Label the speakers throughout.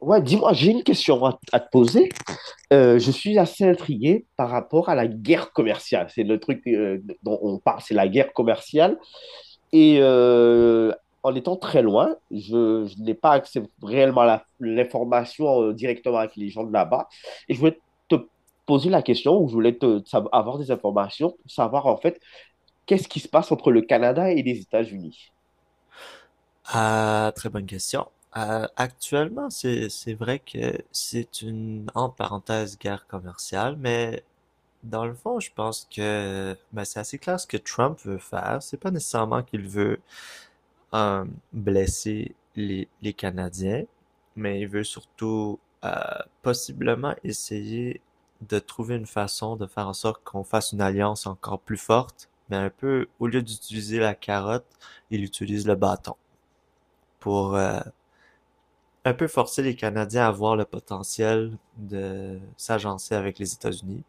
Speaker 1: Ouais, dis-moi, j'ai une question à te poser. Je suis assez intrigué par rapport à la guerre commerciale. C'est le truc dont on parle, c'est la guerre commerciale. Et euh, En étant très loin, je n'ai pas accès réellement à l'information directement avec les gens de là-bas. Et je voulais te poser la question, ou je voulais avoir des informations pour savoir en fait qu'est-ce qui se passe entre le Canada et les États-Unis.
Speaker 2: Ah, très bonne question. Actuellement, c'est vrai que c'est une entre parenthèses guerre commerciale, mais dans le fond, je pense que ben, c'est assez clair ce que Trump veut faire. C'est pas nécessairement qu'il veut euh, blesser les Canadiens, mais il veut surtout euh, possiblement essayer de trouver une façon de faire en sorte qu'on fasse une alliance encore plus forte, mais un peu au lieu d'utiliser la carotte, il utilise le bâton pour un peu forcer les Canadiens à voir le potentiel de s'agencer avec les États-Unis,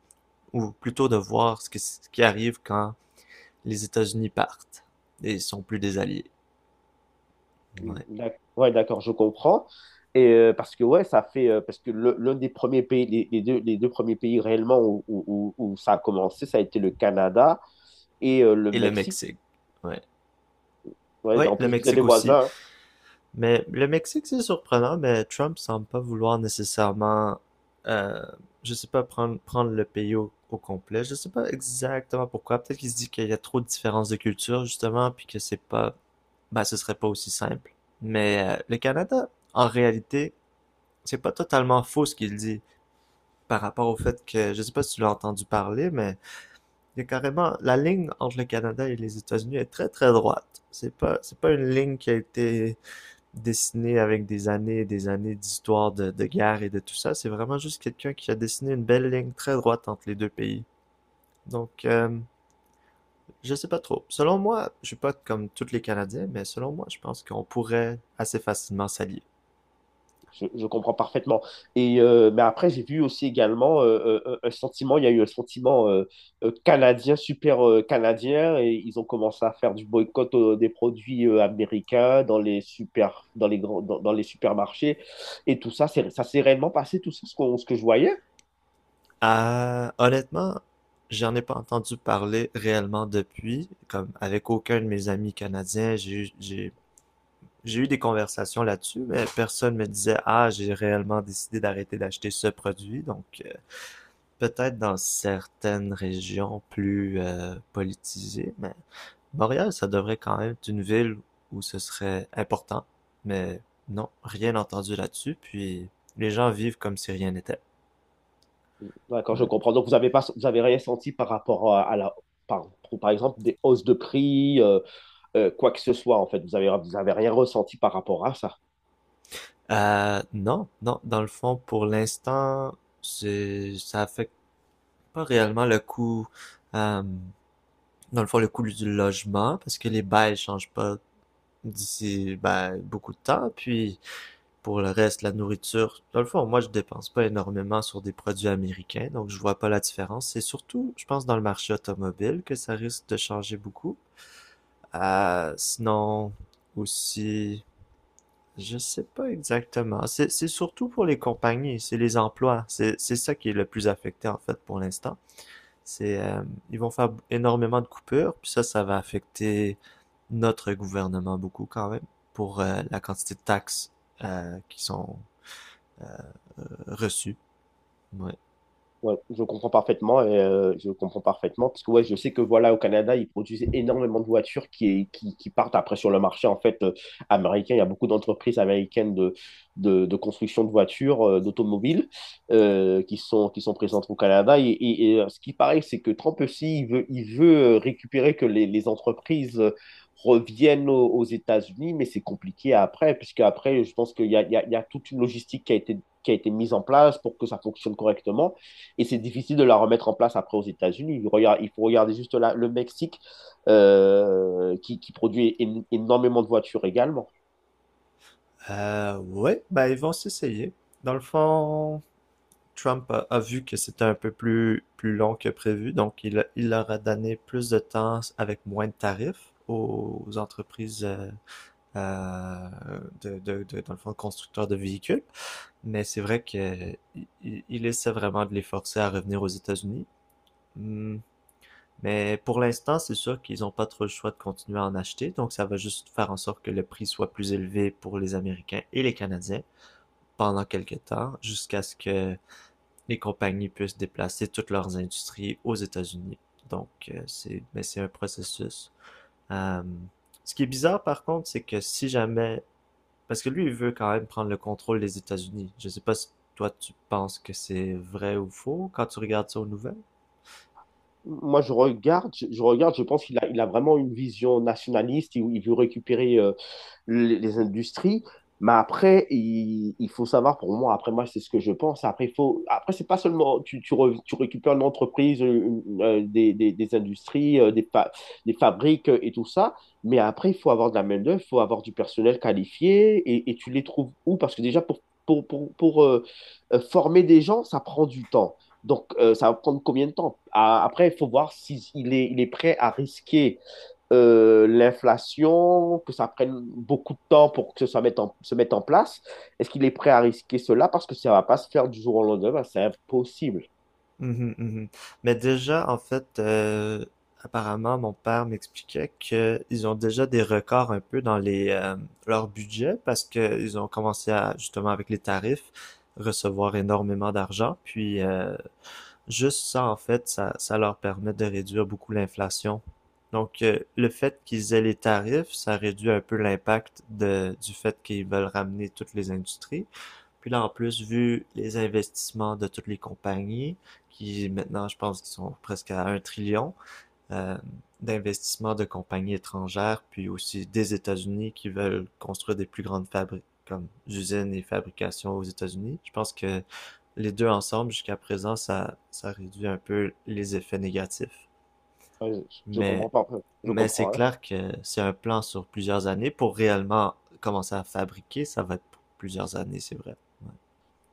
Speaker 2: ou plutôt de voir ce qui arrive quand les États-Unis partent et ils sont plus des alliés. Ouais.
Speaker 1: Ouais, d'accord, je comprends. Et parce que ouais, ça fait parce que l'un des premiers pays, les deux premiers pays réellement où ça a commencé, ça a été le Canada et le
Speaker 2: Et le
Speaker 1: Mexique.
Speaker 2: Mexique. Ouais.
Speaker 1: Ouais,
Speaker 2: Ouais,
Speaker 1: en
Speaker 2: le
Speaker 1: plus, vous êtes des
Speaker 2: Mexique aussi.
Speaker 1: voisins, hein.
Speaker 2: Mais le Mexique, c'est surprenant, mais Trump semble pas vouloir nécessairement, euh, je sais pas, prendre le pays au complet. Je sais pas exactement pourquoi. Peut-être qu'il se dit qu'il y a trop de différences de culture, justement, puis que c'est pas, bah, ben, ce serait pas aussi simple. Mais le Canada, en réalité, c'est pas totalement faux ce qu'il dit par rapport au fait que, je sais pas si tu l'as entendu parler, mais il y a carrément, la ligne entre le Canada et les États-Unis est très très droite. C'est pas une ligne qui a été dessiner avec des années et des années d'histoire de guerre et de tout ça. C'est vraiment juste quelqu'un qui a dessiné une belle ligne très droite entre les deux pays. Donc, je sais pas trop. Selon moi, je suis pas comme tous les Canadiens, mais selon moi, je pense qu'on pourrait assez facilement s'allier.
Speaker 1: Je comprends parfaitement. Et mais après, j'ai vu aussi également un sentiment, il y a eu un sentiment canadien, super canadien, et ils ont commencé à faire du boycott des produits américains dans les super, dans les grands, dans, dans les supermarchés. Et tout ça, ça s'est réellement passé, tout ça, ce ce que je voyais.
Speaker 2: Honnêtement, j'en ai pas entendu parler réellement depuis, comme avec aucun de mes amis canadiens, j'ai eu des conversations là-dessus, mais personne me disait, ah, j'ai réellement décidé d'arrêter d'acheter ce produit, donc peut-être dans certaines régions plus politisées, mais Montréal, ça devrait quand même être une ville où ce serait important. Mais non, rien entendu là-dessus. Puis les gens vivent comme si rien n'était.
Speaker 1: D'accord, je
Speaker 2: Ouais.
Speaker 1: comprends. Donc, vous avez rien senti par rapport à la, par, pour- par exemple, des hausses de prix, quoi que ce soit, en fait. Vous avez rien ressenti par rapport à ça.
Speaker 2: Non, non, dans le fond, pour l'instant, ça affecte pas réellement le coût, euh, dans le fond, le coût du logement, parce que les bails changent pas d'ici, ben, beaucoup de temps. Puis pour le reste, la nourriture, dans le fond, moi, je dépense pas énormément sur des produits américains, donc je vois pas la différence. C'est surtout, je pense, dans le marché automobile que ça risque de changer beaucoup. Euh, sinon, aussi, je sais pas exactement. C'est surtout pour les compagnies, c'est les emplois. C'est ça qui est le plus affecté, en fait, pour l'instant. C'est, euh, ils vont faire énormément de coupures, puis ça va affecter notre gouvernement beaucoup quand même pour la quantité de taxes qui sont reçues. Ouais.
Speaker 1: Ouais, je comprends parfaitement et je comprends parfaitement parce que ouais, je sais que voilà au Canada, ils produisent énormément de voitures qui partent après sur le marché en fait américain. Il y a beaucoup d'entreprises américaines de construction de voitures, d'automobiles qui sont présentes au Canada. Et, ce qui paraît, c'est que Trump aussi, il veut récupérer que les entreprises reviennent aux États-Unis, mais c'est compliqué après, puisque après, je pense qu'il y a, il y a, il y a toute une logistique qui a été mise en place pour que ça fonctionne correctement. Et c'est difficile de la remettre en place après aux États-Unis. Faut regarder juste là le Mexique produit énormément de voitures également.
Speaker 2: Ouais, ben ils vont s'essayer. Dans le fond, Trump a vu que c'était un peu plus long que prévu, donc il leur a donné plus de temps avec moins de tarifs aux entreprises euh, de, dans le fond, constructeurs de véhicules. Mais c'est vrai que il essaie vraiment de les forcer à revenir aux États-Unis. Hmm. Mais pour l'instant, c'est sûr qu'ils n'ont pas trop le choix de continuer à en acheter, donc ça va juste faire en sorte que le prix soit plus élevé pour les Américains et les Canadiens, pendant quelque temps jusqu'à ce que les compagnies puissent déplacer toutes leurs industries aux États-Unis. Donc, c'est mais c'est un processus. Euh, Ce qui est bizarre, par contre, c'est que si jamais... Parce que lui, il veut quand même prendre le contrôle des États-Unis. Je sais pas si toi, tu penses que c'est vrai ou faux quand tu regardes ça aux nouvelles.
Speaker 1: Moi, je regarde, je pense qu'il a, il a vraiment une vision nationaliste. Il veut récupérer les industries. Mais après, faut savoir, pour moi, après moi, c'est ce que je pense. Après, il faut, après c'est pas seulement tu récupères une entreprise, une, des industries, des fabriques et tout ça, mais après, il faut avoir de la main-d'œuvre, il faut avoir du personnel qualifié et tu les trouves où? Parce que déjà, pour former des gens, ça prend du temps. Donc, ça va prendre combien de temps? Ah, après, il faut voir il est prêt à risquer l'inflation, que ça prenne beaucoup de temps pour que ça se mette en place? Est-ce qu'il est prêt à risquer cela? Parce que ça va pas se faire du jour au lendemain. Ben, c'est impossible.
Speaker 2: Mhm, mhm. Mais déjà, en fait, apparemment, mon père m'expliquait qu'ils ont déjà des records un peu dans les leur budget parce qu'ils ont commencé à, justement, avec les tarifs, recevoir énormément d'argent. Puis, juste ça, en fait, ça leur permet de réduire beaucoup l'inflation. Donc, le fait qu'ils aient les tarifs, ça réduit un peu l'impact de, du fait qu'ils veulent ramener toutes les industries. Puis là, en plus, vu les investissements de toutes les compagnies, qui maintenant, je pense qu'ils sont presque à un trillion euh, d'investissements de compagnies étrangères, puis aussi des États-Unis qui veulent construire des plus grandes fabriques, comme usines et fabrications aux États-Unis. Je pense que les deux ensemble, jusqu'à présent, ça réduit un peu les effets négatifs.
Speaker 1: Ouais, je
Speaker 2: Mais,
Speaker 1: comprends pas. Je
Speaker 2: mais c'est
Speaker 1: comprends, hein.
Speaker 2: clair que c'est un plan sur plusieurs années. Pour réellement commencer à fabriquer, ça va être pour plusieurs années, c'est vrai.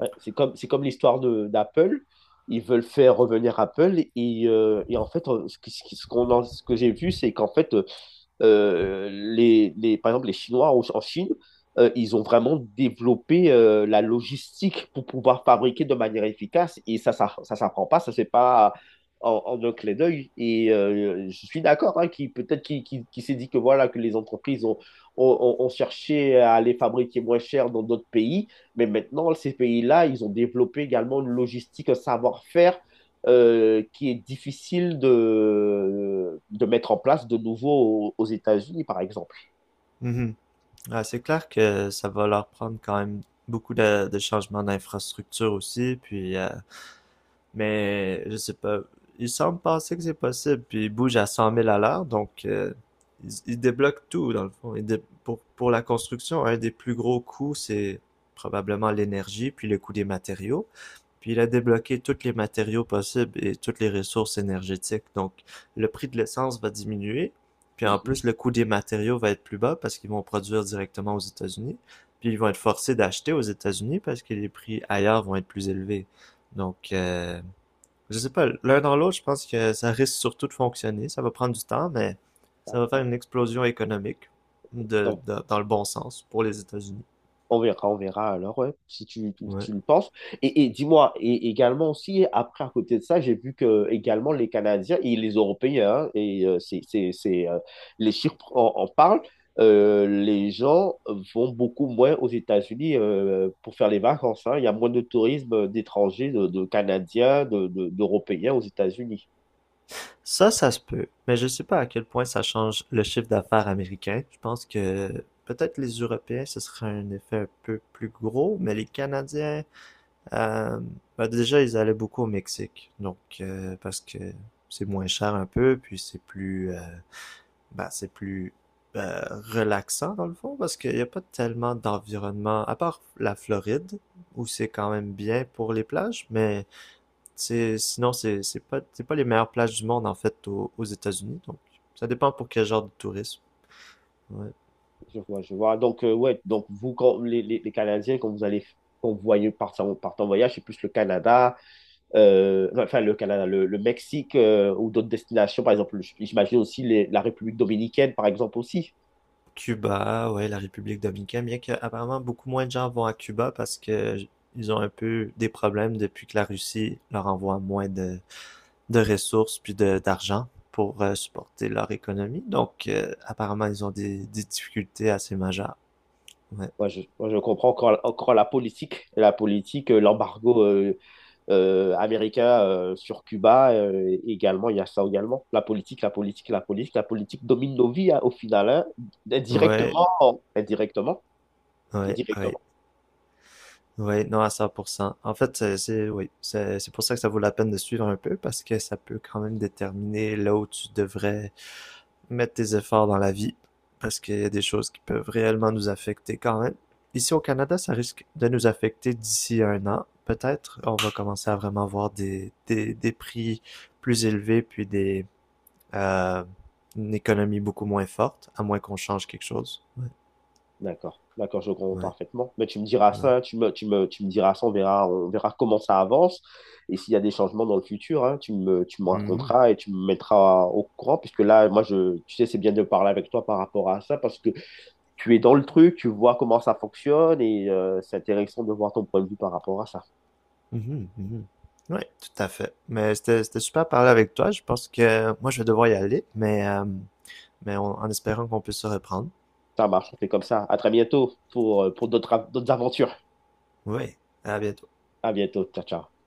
Speaker 1: Ouais, c'est comme l'histoire de d'Apple. Ils veulent faire revenir Apple et en fait, ce qui- ce qui- ce qu'on en- ce que j'ai vu, c'est qu'en fait, les, par exemple, les Chinois en Chine, ils ont vraiment développé la logistique pour pouvoir fabriquer de manière efficace et ça s'apprend pas, ça c'est pas en un clé d'œil. Et je suis d'accord, hein, qui peut-être qui s'est dit que voilà que les entreprises ont cherché à les fabriquer moins cher dans d'autres pays, mais maintenant ces pays-là, ils ont développé également une logistique, un savoir-faire qui est difficile de mettre en place de nouveau aux États-Unis, par exemple.
Speaker 2: Ouais. Mhm. Ouais, c'est clair que ça va leur prendre quand même beaucoup de changements d'infrastructure aussi, puis mais je sais pas, ils semblent penser que c'est possible, puis ils bougent à cent mille à l'heure, donc ils débloquent tout dans le fond. Pour la construction, un des plus gros coûts, c'est probablement l'énergie, puis le coût des matériaux. Puis il a débloqué toutes les matériaux possibles et toutes les ressources énergétiques. Donc, le prix de l'essence va diminuer. Puis en
Speaker 1: Mhm.
Speaker 2: plus, le coût des matériaux va être plus bas parce qu'ils vont produire directement aux États-Unis. Puis ils vont être forcés d'acheter aux États-Unis parce que les prix ailleurs vont être plus élevés. Donc, je sais pas, l'un dans l'autre, je pense que ça risque surtout de fonctionner. Ça va prendre du temps, mais ça va faire une
Speaker 1: D'accord.
Speaker 2: explosion économique
Speaker 1: Donc,
Speaker 2: dans le bon sens pour les États-Unis.
Speaker 1: on verra alors, ouais, si
Speaker 2: Ouais.
Speaker 1: tu le penses. Et dis-moi, et également aussi, après, à côté de ça, j'ai vu que également les Canadiens et les Européens, hein, et les chiffres en parlent, les gens vont beaucoup moins aux États-Unis pour faire les vacances, hein. Il y a moins de tourisme d'étrangers, de Canadiens, d'Européens aux États-Unis.
Speaker 2: Ça se peut, mais je sais pas à quel point ça change le chiffre d'affaires américain. Je pense que peut-être les Européens, ce serait un effet un peu plus gros, mais les Canadiens, euh, bah déjà, ils allaient beaucoup au Mexique, donc parce que c'est moins cher un peu, puis c'est plus euh, relaxant dans le fond, parce qu'il n'y a pas tellement d'environnement, à part la Floride, où c'est quand même bien pour les plages, mais sinon, c'est pas les meilleures plages du monde, en fait, aux États-Unis. Donc, ça dépend pour quel genre de tourisme. Ouais.
Speaker 1: Je vois, je vois. Donc, ouais, donc vous, quand, les Canadiens, quand vous allez, quand vous voyez partir, en partir en voyage, c'est plus le Canada, enfin le Canada, le Mexique ou d'autres destinations, par exemple, j'imagine aussi la République dominicaine, par exemple, aussi.
Speaker 2: Cuba, ouais, la République dominicaine, bien qu'apparemment beaucoup moins de gens vont à Cuba parce que ils ont un peu des problèmes depuis que la Russie leur envoie moins de ressources puis d'argent pour supporter leur économie. Donc, apparemment, ils ont des difficultés assez majeures. Ouais.
Speaker 1: Moi, je comprends encore, encore la politique, l'embargo, américain sur Cuba également, il y a ça également. La politique domine nos vies, hein, au final, hein,
Speaker 2: Ouais,
Speaker 1: indirectement, indirectement,
Speaker 2: ouais, ouais.
Speaker 1: indirectement.
Speaker 2: Ouais, non, à 100%. En fait, oui, c'est pour ça que ça vaut la peine de suivre un peu, parce que ça peut quand même déterminer là où tu devrais mettre tes efforts dans la vie, parce qu'il y a des choses qui peuvent réellement nous affecter quand même. Ici au Canada, ça risque de nous affecter d'ici un an. Peut-être on va commencer à vraiment voir des prix plus élevés, puis euh, une économie beaucoup moins forte, à moins qu'on change quelque chose. Ouais,
Speaker 1: D'accord, d'accord, je comprends
Speaker 2: ouais,
Speaker 1: parfaitement. Mais tu me diras
Speaker 2: ouais.
Speaker 1: ça, tu me diras ça, on verra comment ça avance et s'il y a des changements dans le futur, hein, tu me
Speaker 2: Mhm.
Speaker 1: raconteras et tu me mettras au courant puisque là, moi, je, tu sais, c'est bien de parler avec toi par rapport à ça parce que tu es dans le truc, tu vois comment ça fonctionne et c'est intéressant de voir ton point de vue par rapport à ça.
Speaker 2: Mhm, mhm. Oui, tout à fait. Mais c'était super de parler avec toi. Je pense que moi, je vais devoir y aller, mais en espérant qu'on puisse se reprendre.
Speaker 1: Ça marche, on fait comme ça. À très bientôt pour d'autres aventures.
Speaker 2: Oui, à bientôt.
Speaker 1: À bientôt. Ciao, ciao.